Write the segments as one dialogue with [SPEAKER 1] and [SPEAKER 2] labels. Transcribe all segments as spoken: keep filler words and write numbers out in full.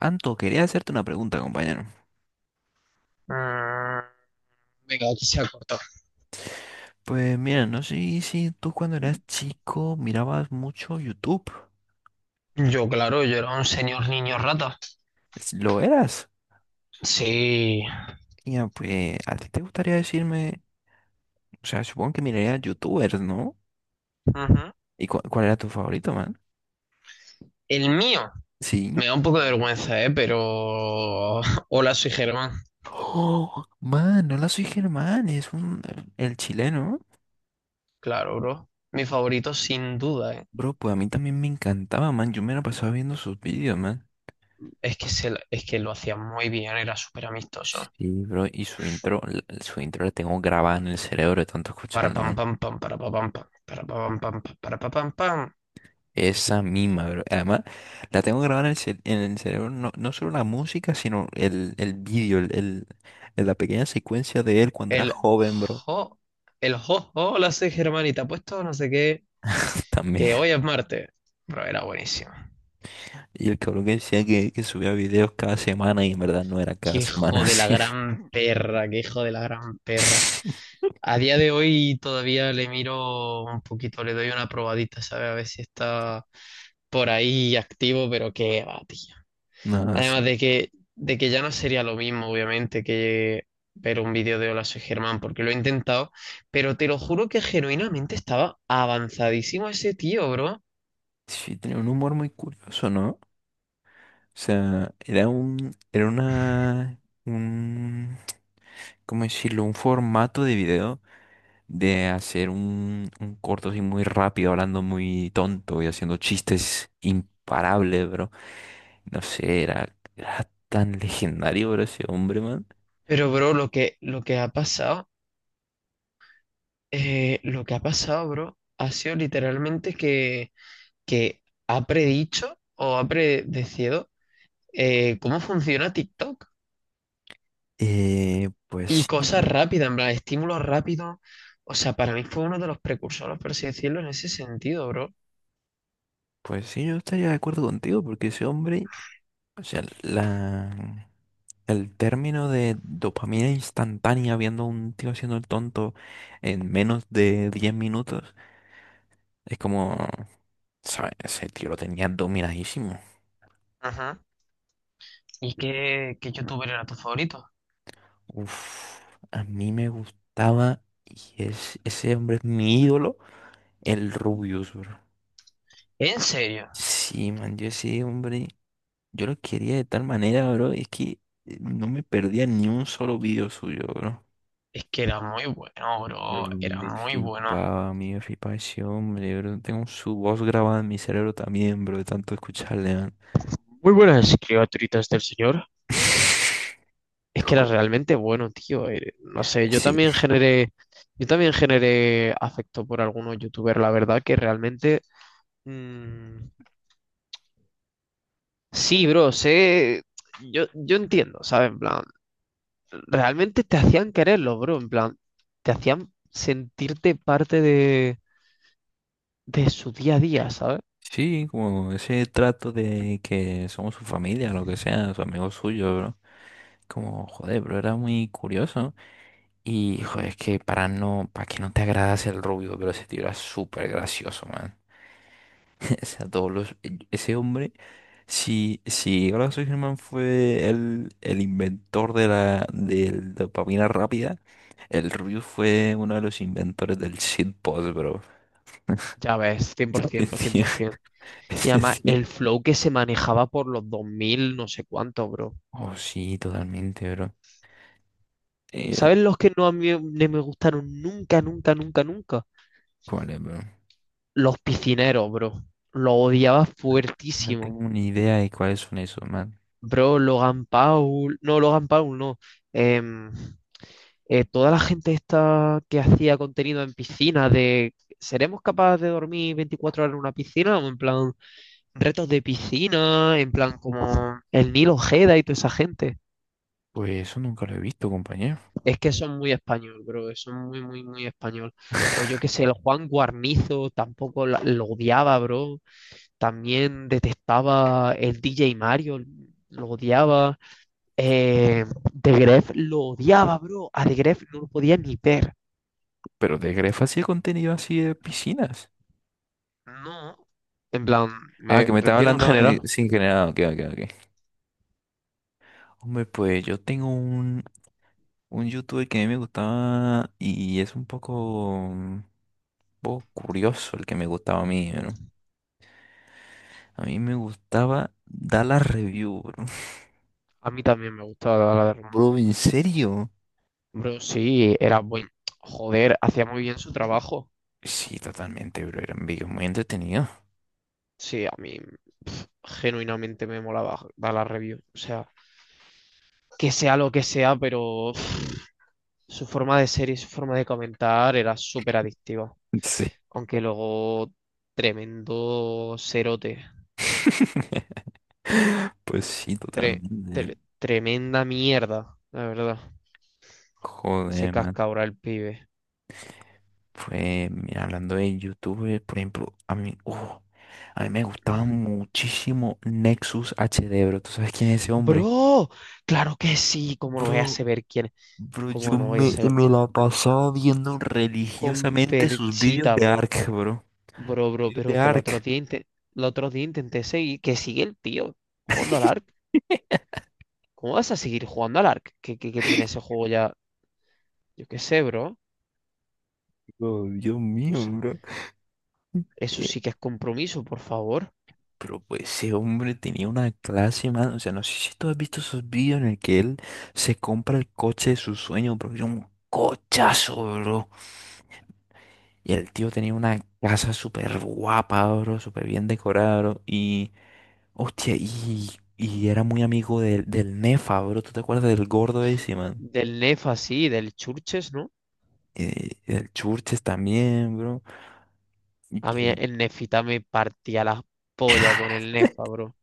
[SPEAKER 1] Anto, quería hacerte una pregunta, compañero.
[SPEAKER 2] Mm, venga, aquí se ha cortado.
[SPEAKER 1] Pues mira, no sé si tú cuando eras chico mirabas mucho YouTube.
[SPEAKER 2] Yo, claro, yo era un señor niño rata.
[SPEAKER 1] Es- ¿Lo eras?
[SPEAKER 2] Sí.
[SPEAKER 1] Ya, pues, ¿a ti te gustaría decirme? O sea, supongo que mirarías YouTubers, ¿no?
[SPEAKER 2] Ujú.
[SPEAKER 1] ¿Y cu- cuál era tu favorito, man?
[SPEAKER 2] El mío.
[SPEAKER 1] Sí.
[SPEAKER 2] Me da un poco de vergüenza, ¿eh? Pero... Hola, soy Germán.
[SPEAKER 1] Oh, man, no la soy Germán, es un, el chileno.
[SPEAKER 2] Claro, bro. Mi favorito, sin duda, ¿eh?
[SPEAKER 1] Bro, pues a mí también me encantaba, man. Yo me la pasaba viendo sus vídeos, man.
[SPEAKER 2] Es que, se, la- es que lo hacía muy bien, era súper amistoso.
[SPEAKER 1] Sí, bro, y su intro, l- su intro la tengo grabada en el cerebro de tanto
[SPEAKER 2] Para
[SPEAKER 1] escucharla,
[SPEAKER 2] pam
[SPEAKER 1] man.
[SPEAKER 2] pam pam, para pa pam pam, para pa pam pam, pa- para pa pam pam.
[SPEAKER 1] Esa misma, bro. Además, la tengo grabada en el, cel- en el cerebro, no, no solo la música, sino el, el vídeo, el, el- el- la pequeña secuencia de él cuando era
[SPEAKER 2] El
[SPEAKER 1] joven, bro.
[SPEAKER 2] jo, el jo, hola, soy Germán y te apuesto no sé qué,
[SPEAKER 1] También.
[SPEAKER 2] que hoy es martes. Bro, era buenísimo.
[SPEAKER 1] Y el cabrón que decía que, que subía videos cada semana y en verdad no era
[SPEAKER 2] Qué
[SPEAKER 1] cada semana
[SPEAKER 2] hijo de la
[SPEAKER 1] así.
[SPEAKER 2] gran perra, qué hijo de la gran perra. A día de hoy todavía le miro un poquito, le doy una probadita, ¿sabes? A ver si está por ahí activo, pero qué va, tío.
[SPEAKER 1] No, sí.
[SPEAKER 2] Además de que, de que ya no sería lo mismo, obviamente, que ver un vídeo de Hola, soy Germán, porque lo he intentado, pero te lo juro que genuinamente estaba avanzadísimo ese tío, bro.
[SPEAKER 1] Sí, tenía un humor muy curioso, ¿no? O sea, era un, era una, un, ¿cómo decirlo? Un formato de video de hacer un, un corto así muy rápido, hablando muy tonto y haciendo chistes imparables, bro. No sé, era, era tan legendario, bro, ese hombre, man.
[SPEAKER 2] Pero, bro, lo que, lo que ha pasado, eh, lo que ha pasado, bro, ha sido literalmente que que ha predicho o ha predecido, eh, cómo funciona TikTok
[SPEAKER 1] Eh,
[SPEAKER 2] y
[SPEAKER 1] pues sí,
[SPEAKER 2] cosas
[SPEAKER 1] ¿no?
[SPEAKER 2] rápidas, en plan, estímulos rápidos. O sea, para mí fue uno de los precursores, por así decirlo, en ese sentido, bro.
[SPEAKER 1] Pues sí, yo estaría de acuerdo contigo, porque ese hombre, o sea, la, el término de dopamina instantánea viendo a un tío haciendo el tonto en menos de diez minutos, es como, ¿sabes? Ese tío lo tenía dominadísimo.
[SPEAKER 2] Ajá. ¿Y qué, qué youtuber era tu favorito?
[SPEAKER 1] Uf, a mí me gustaba, y es, ese hombre es mi ídolo, el Rubius, bro.
[SPEAKER 2] ¿En serio?
[SPEAKER 1] Sí, man, yo ese hombre, yo lo quería de tal manera, bro, es que eh, no me perdía ni un solo video suyo, bro.
[SPEAKER 2] Es que era muy bueno,
[SPEAKER 1] Bro,
[SPEAKER 2] bro. Era
[SPEAKER 1] me
[SPEAKER 2] muy bueno.
[SPEAKER 1] flipaba, a mí me flipaba ese hombre, bro. Tengo su voz grabada en mi cerebro también, bro, de tanto escucharle, man.
[SPEAKER 2] Muy buenas criaturitas del señor. Es que era
[SPEAKER 1] Flipó.
[SPEAKER 2] realmente bueno, tío. eh, No sé, yo
[SPEAKER 1] Sí.
[SPEAKER 2] también generé, yo también generé afecto por algunos youtubers, la verdad que realmente... mm, Sí, bro, sé, yo, yo entiendo, ¿sabes? En plan, realmente te hacían quererlo, bro, en plan, te hacían sentirte parte de, de su día a día, ¿sabes?
[SPEAKER 1] Sí, como ese trato de que somos su familia, lo que sea, su amigo suyo, bro. Como, joder, bro, era muy curioso. Y, joder, es que para no, para que no te agradas el rubio, pero ese tío era súper gracioso, man. O sea, todos los, ese hombre, si, si Horacio Germán fue el, el inventor de la, de la dopamina rápida, el rubio fue uno de los inventores del shitpost, bro.
[SPEAKER 2] Ya ves, cien cien, por
[SPEAKER 1] Ese
[SPEAKER 2] ciento, cien
[SPEAKER 1] tío-
[SPEAKER 2] por cien por ciento. Y
[SPEAKER 1] ese
[SPEAKER 2] además, el
[SPEAKER 1] tío-
[SPEAKER 2] flow que se manejaba por los dos mil no sé cuánto, bro.
[SPEAKER 1] Oh, sí, totalmente, bro. Eh,
[SPEAKER 2] ¿Sabes los que no a mí no me gustaron nunca, nunca, nunca, nunca?
[SPEAKER 1] ¿Cuál es, bro?
[SPEAKER 2] Los piscineros, bro. Los odiaba
[SPEAKER 1] No
[SPEAKER 2] fuertísimo.
[SPEAKER 1] tengo ni idea de cuáles son esos, man.
[SPEAKER 2] Bro, Logan Paul, no, Logan Paul, no. em, eh, Toda la gente esta que hacía contenido en piscina de ¿seremos capaces de dormir veinticuatro horas en una piscina? O en plan retos de piscina, en plan como el Nilo Ojeda y toda esa gente.
[SPEAKER 1] Pues eso nunca lo he visto, compañero.
[SPEAKER 2] Es que son muy español, bro, son muy, muy, muy español. O yo qué sé, el Juan Guarnizo tampoco la- lo odiaba, bro. También detestaba el D J Mario, lo odiaba. Eh, The Gref lo odiaba, bro. A The Gref no lo podía ni ver.
[SPEAKER 1] Pero de Grefa hacía contenido así de piscinas.
[SPEAKER 2] No. En plan,
[SPEAKER 1] Ah,
[SPEAKER 2] me
[SPEAKER 1] que me estaba
[SPEAKER 2] refiero en
[SPEAKER 1] hablando eh,
[SPEAKER 2] general.
[SPEAKER 1] sin generado. Ok, ok, ok. Hombre, pues yo tengo un, un youtuber que a mí me gustaba y es un poco, un poco curioso el que me gustaba a mí, ¿eh, ¿no? A mí me gustaba dar la review, bro.
[SPEAKER 2] A mí también me gusta la la de Roma.
[SPEAKER 1] Bro, ¿en serio?
[SPEAKER 2] Bro, sí, era buen. Joder, hacía muy bien su trabajo.
[SPEAKER 1] Sí, totalmente, bro. Eran videos muy entretenidos.
[SPEAKER 2] Sí, a mí, pf, genuinamente me molaba dar la review. O sea, que sea lo que sea, pero, pf, su forma de ser y su forma de comentar era súper adictiva.
[SPEAKER 1] Sí.
[SPEAKER 2] Aunque luego, tremendo cerote.
[SPEAKER 1] Pues sí,
[SPEAKER 2] Tre-
[SPEAKER 1] totalmente.
[SPEAKER 2] tre- Tremenda mierda, la verdad. Se
[SPEAKER 1] Joder, man.
[SPEAKER 2] casca ahora el pibe.
[SPEAKER 1] Fue, mira, hablando de YouTube, por ejemplo, a mí, uh, a mí me gustaba muchísimo Nexus H HD, bro. ¿Tú sabes quién es ese hombre?
[SPEAKER 2] Bro, claro que sí, ¿cómo lo voy a
[SPEAKER 1] Bro,
[SPEAKER 2] saber quién?
[SPEAKER 1] bro,
[SPEAKER 2] Como
[SPEAKER 1] yo
[SPEAKER 2] no voy a
[SPEAKER 1] me,
[SPEAKER 2] saber.
[SPEAKER 1] me la pasaba viendo
[SPEAKER 2] Con
[SPEAKER 1] religiosamente sus vídeos
[SPEAKER 2] Perchita,
[SPEAKER 1] de
[SPEAKER 2] bro.
[SPEAKER 1] Ark, bro.
[SPEAKER 2] Bro, bro,
[SPEAKER 1] Vídeos
[SPEAKER 2] pero
[SPEAKER 1] de
[SPEAKER 2] que el otro
[SPEAKER 1] Ark.
[SPEAKER 2] día, inte- el otro día intenté seguir. Que sigue el tío jugando al Ark. ¿Cómo vas a seguir jugando al Ark? Que, que, que tiene ese juego ya. Yo qué sé, bro.
[SPEAKER 1] Oh, Dios
[SPEAKER 2] O
[SPEAKER 1] mío,
[SPEAKER 2] sea,
[SPEAKER 1] bro.
[SPEAKER 2] eso
[SPEAKER 1] Eh,
[SPEAKER 2] sí que es compromiso, por favor.
[SPEAKER 1] pero pues ese hombre tenía una clase, mano. O sea, no sé si tú has visto esos vídeos en el que él se compra el coche de sus sueños, bro. Era un cochazo, bro. Y el tío tenía una casa súper guapa, bro, súper bien decorada, bro. Y, hostia, y, y era muy amigo del, del Nefa, bro. ¿Tú te acuerdas del gordo ese, man?
[SPEAKER 2] Del Nef así, del Churches, ¿no?
[SPEAKER 1] Eh, el Churches también, bro. Y
[SPEAKER 2] A mí
[SPEAKER 1] que,
[SPEAKER 2] el Nefita me partía la polla con el Nefa, bro.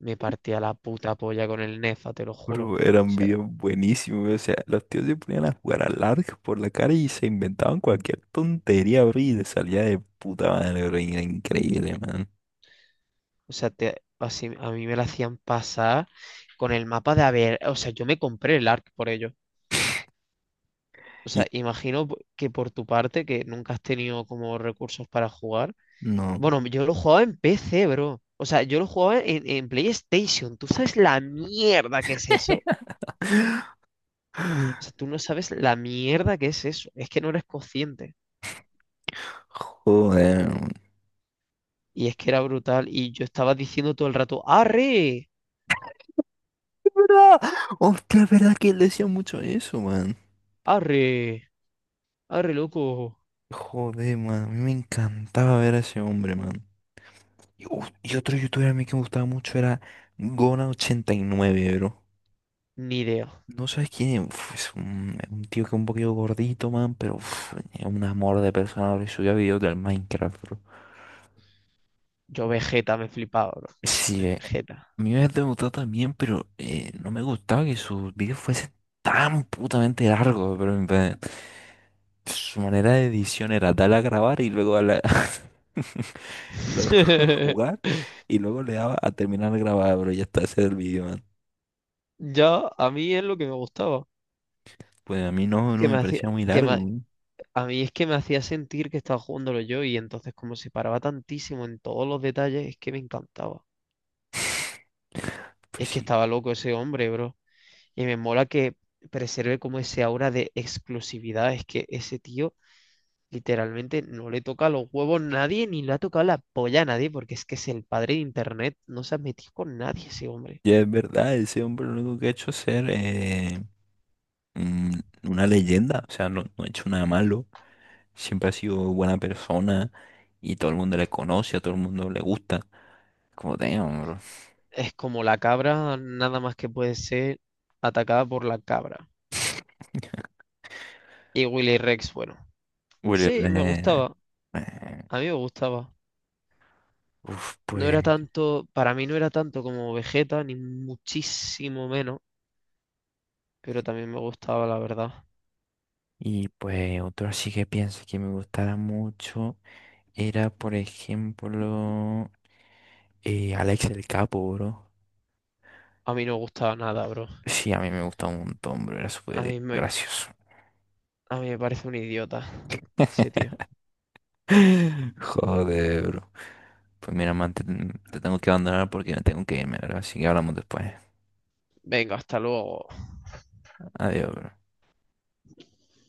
[SPEAKER 2] Me partía la puta polla con el Nefa, te lo juro. O
[SPEAKER 1] bro, eran
[SPEAKER 2] sea,
[SPEAKER 1] bien buenísimos, bro. O sea, los tíos se ponían a jugar al arco por la cara y se inventaban cualquier tontería, bro. Y les salía de puta madre, bro, y era increíble, man.
[SPEAKER 2] O sea, te- así, a mí me la hacían pasar con el mapa de haber, o sea, yo me compré el ARC por ello. O
[SPEAKER 1] Y
[SPEAKER 2] sea, imagino p- que por tu parte, que nunca has tenido como recursos para jugar.
[SPEAKER 1] no,
[SPEAKER 2] Bueno, yo lo jugaba en P C, bro. O sea, yo lo jugaba en, en PlayStation. ¿Tú sabes la mierda que es eso? O sea, tú no sabes la mierda que es eso. Es que no eres consciente.
[SPEAKER 1] joder, man.
[SPEAKER 2] Y es que era brutal. Y yo estaba diciendo todo el rato, ¡Arre!
[SPEAKER 1] ¿Verdad? Hostia, es verdad que él decía mucho eso, man.
[SPEAKER 2] ¡Arre! ¡Arre, loco!
[SPEAKER 1] Joder, man, a mí me encantaba ver a ese hombre, man. Y, uf, y otro youtuber a mí que me gustaba mucho era gona ochenta y nueve, bro.
[SPEAKER 2] Ni idea.
[SPEAKER 1] No sabes quién es, uf, es un, un tío que es un poquito gordito, man, pero uf, es un amor de persona, bro, y subía videos del Minecraft, bro.
[SPEAKER 2] Yo Vegeta me flipaba, bro.
[SPEAKER 1] Sí, eh,
[SPEAKER 2] Jeta.
[SPEAKER 1] a mí me gustado también, pero eh, no me gustaba que sus videos fuesen tan putamente largos, bro. Su manera de edición era darle a grabar y luego darle a- luego jugar y luego le daba a terminar de grabar, pero ya está, ese era el video, man.
[SPEAKER 2] Ya, a mí es lo que me gustaba.
[SPEAKER 1] Pues a mí no, no
[SPEAKER 2] Que me
[SPEAKER 1] me
[SPEAKER 2] hacía,
[SPEAKER 1] parecía muy
[SPEAKER 2] que
[SPEAKER 1] largo.
[SPEAKER 2] me
[SPEAKER 1] ¿No?
[SPEAKER 2] A mí es que me hacía sentir que estaba jugándolo yo y entonces como se paraba tantísimo en todos los detalles, es que me encantaba.
[SPEAKER 1] Pues
[SPEAKER 2] Es que
[SPEAKER 1] sí,
[SPEAKER 2] estaba loco ese hombre, bro. Y me mola que preserve como ese aura de exclusividad. Es que ese tío literalmente no le toca los huevos a nadie ni le ha tocado la polla a nadie porque es que es el padre de internet. No se ha metido con nadie ese hombre.
[SPEAKER 1] ya es verdad, ese hombre lo único que ha hecho es ser eh, mm, una leyenda, o sea, no, no ha hecho nada malo, siempre ha sido buena persona y todo el mundo le conoce, a todo el mundo le gusta, como damn, bro.
[SPEAKER 2] Es como la cabra, nada más que puede ser atacada por la cabra. Y Willy Rex, bueno,
[SPEAKER 1] Willy
[SPEAKER 2] sí, me
[SPEAKER 1] Rex,
[SPEAKER 2] gustaba,
[SPEAKER 1] eh,
[SPEAKER 2] a mí me gustaba.
[SPEAKER 1] uf,
[SPEAKER 2] No era
[SPEAKER 1] pues
[SPEAKER 2] tanto, para mí no era tanto como Vegeta, ni muchísimo menos, pero también me gustaba, la verdad.
[SPEAKER 1] y pues otro así que pienso que me gustara mucho era, por ejemplo, eh, Alex el Capo, bro.
[SPEAKER 2] A mí no me gustaba nada, bro.
[SPEAKER 1] Sí, a mí me gustaba un montón, bro. Era
[SPEAKER 2] A
[SPEAKER 1] súper
[SPEAKER 2] mí me,
[SPEAKER 1] gracioso.
[SPEAKER 2] a mí me parece un idiota ese tío.
[SPEAKER 1] Joder, bro. Pues mira, man, te, te tengo que abandonar porque tengo que irme, bro. Así que hablamos después.
[SPEAKER 2] Venga, hasta luego.
[SPEAKER 1] Adiós, bro.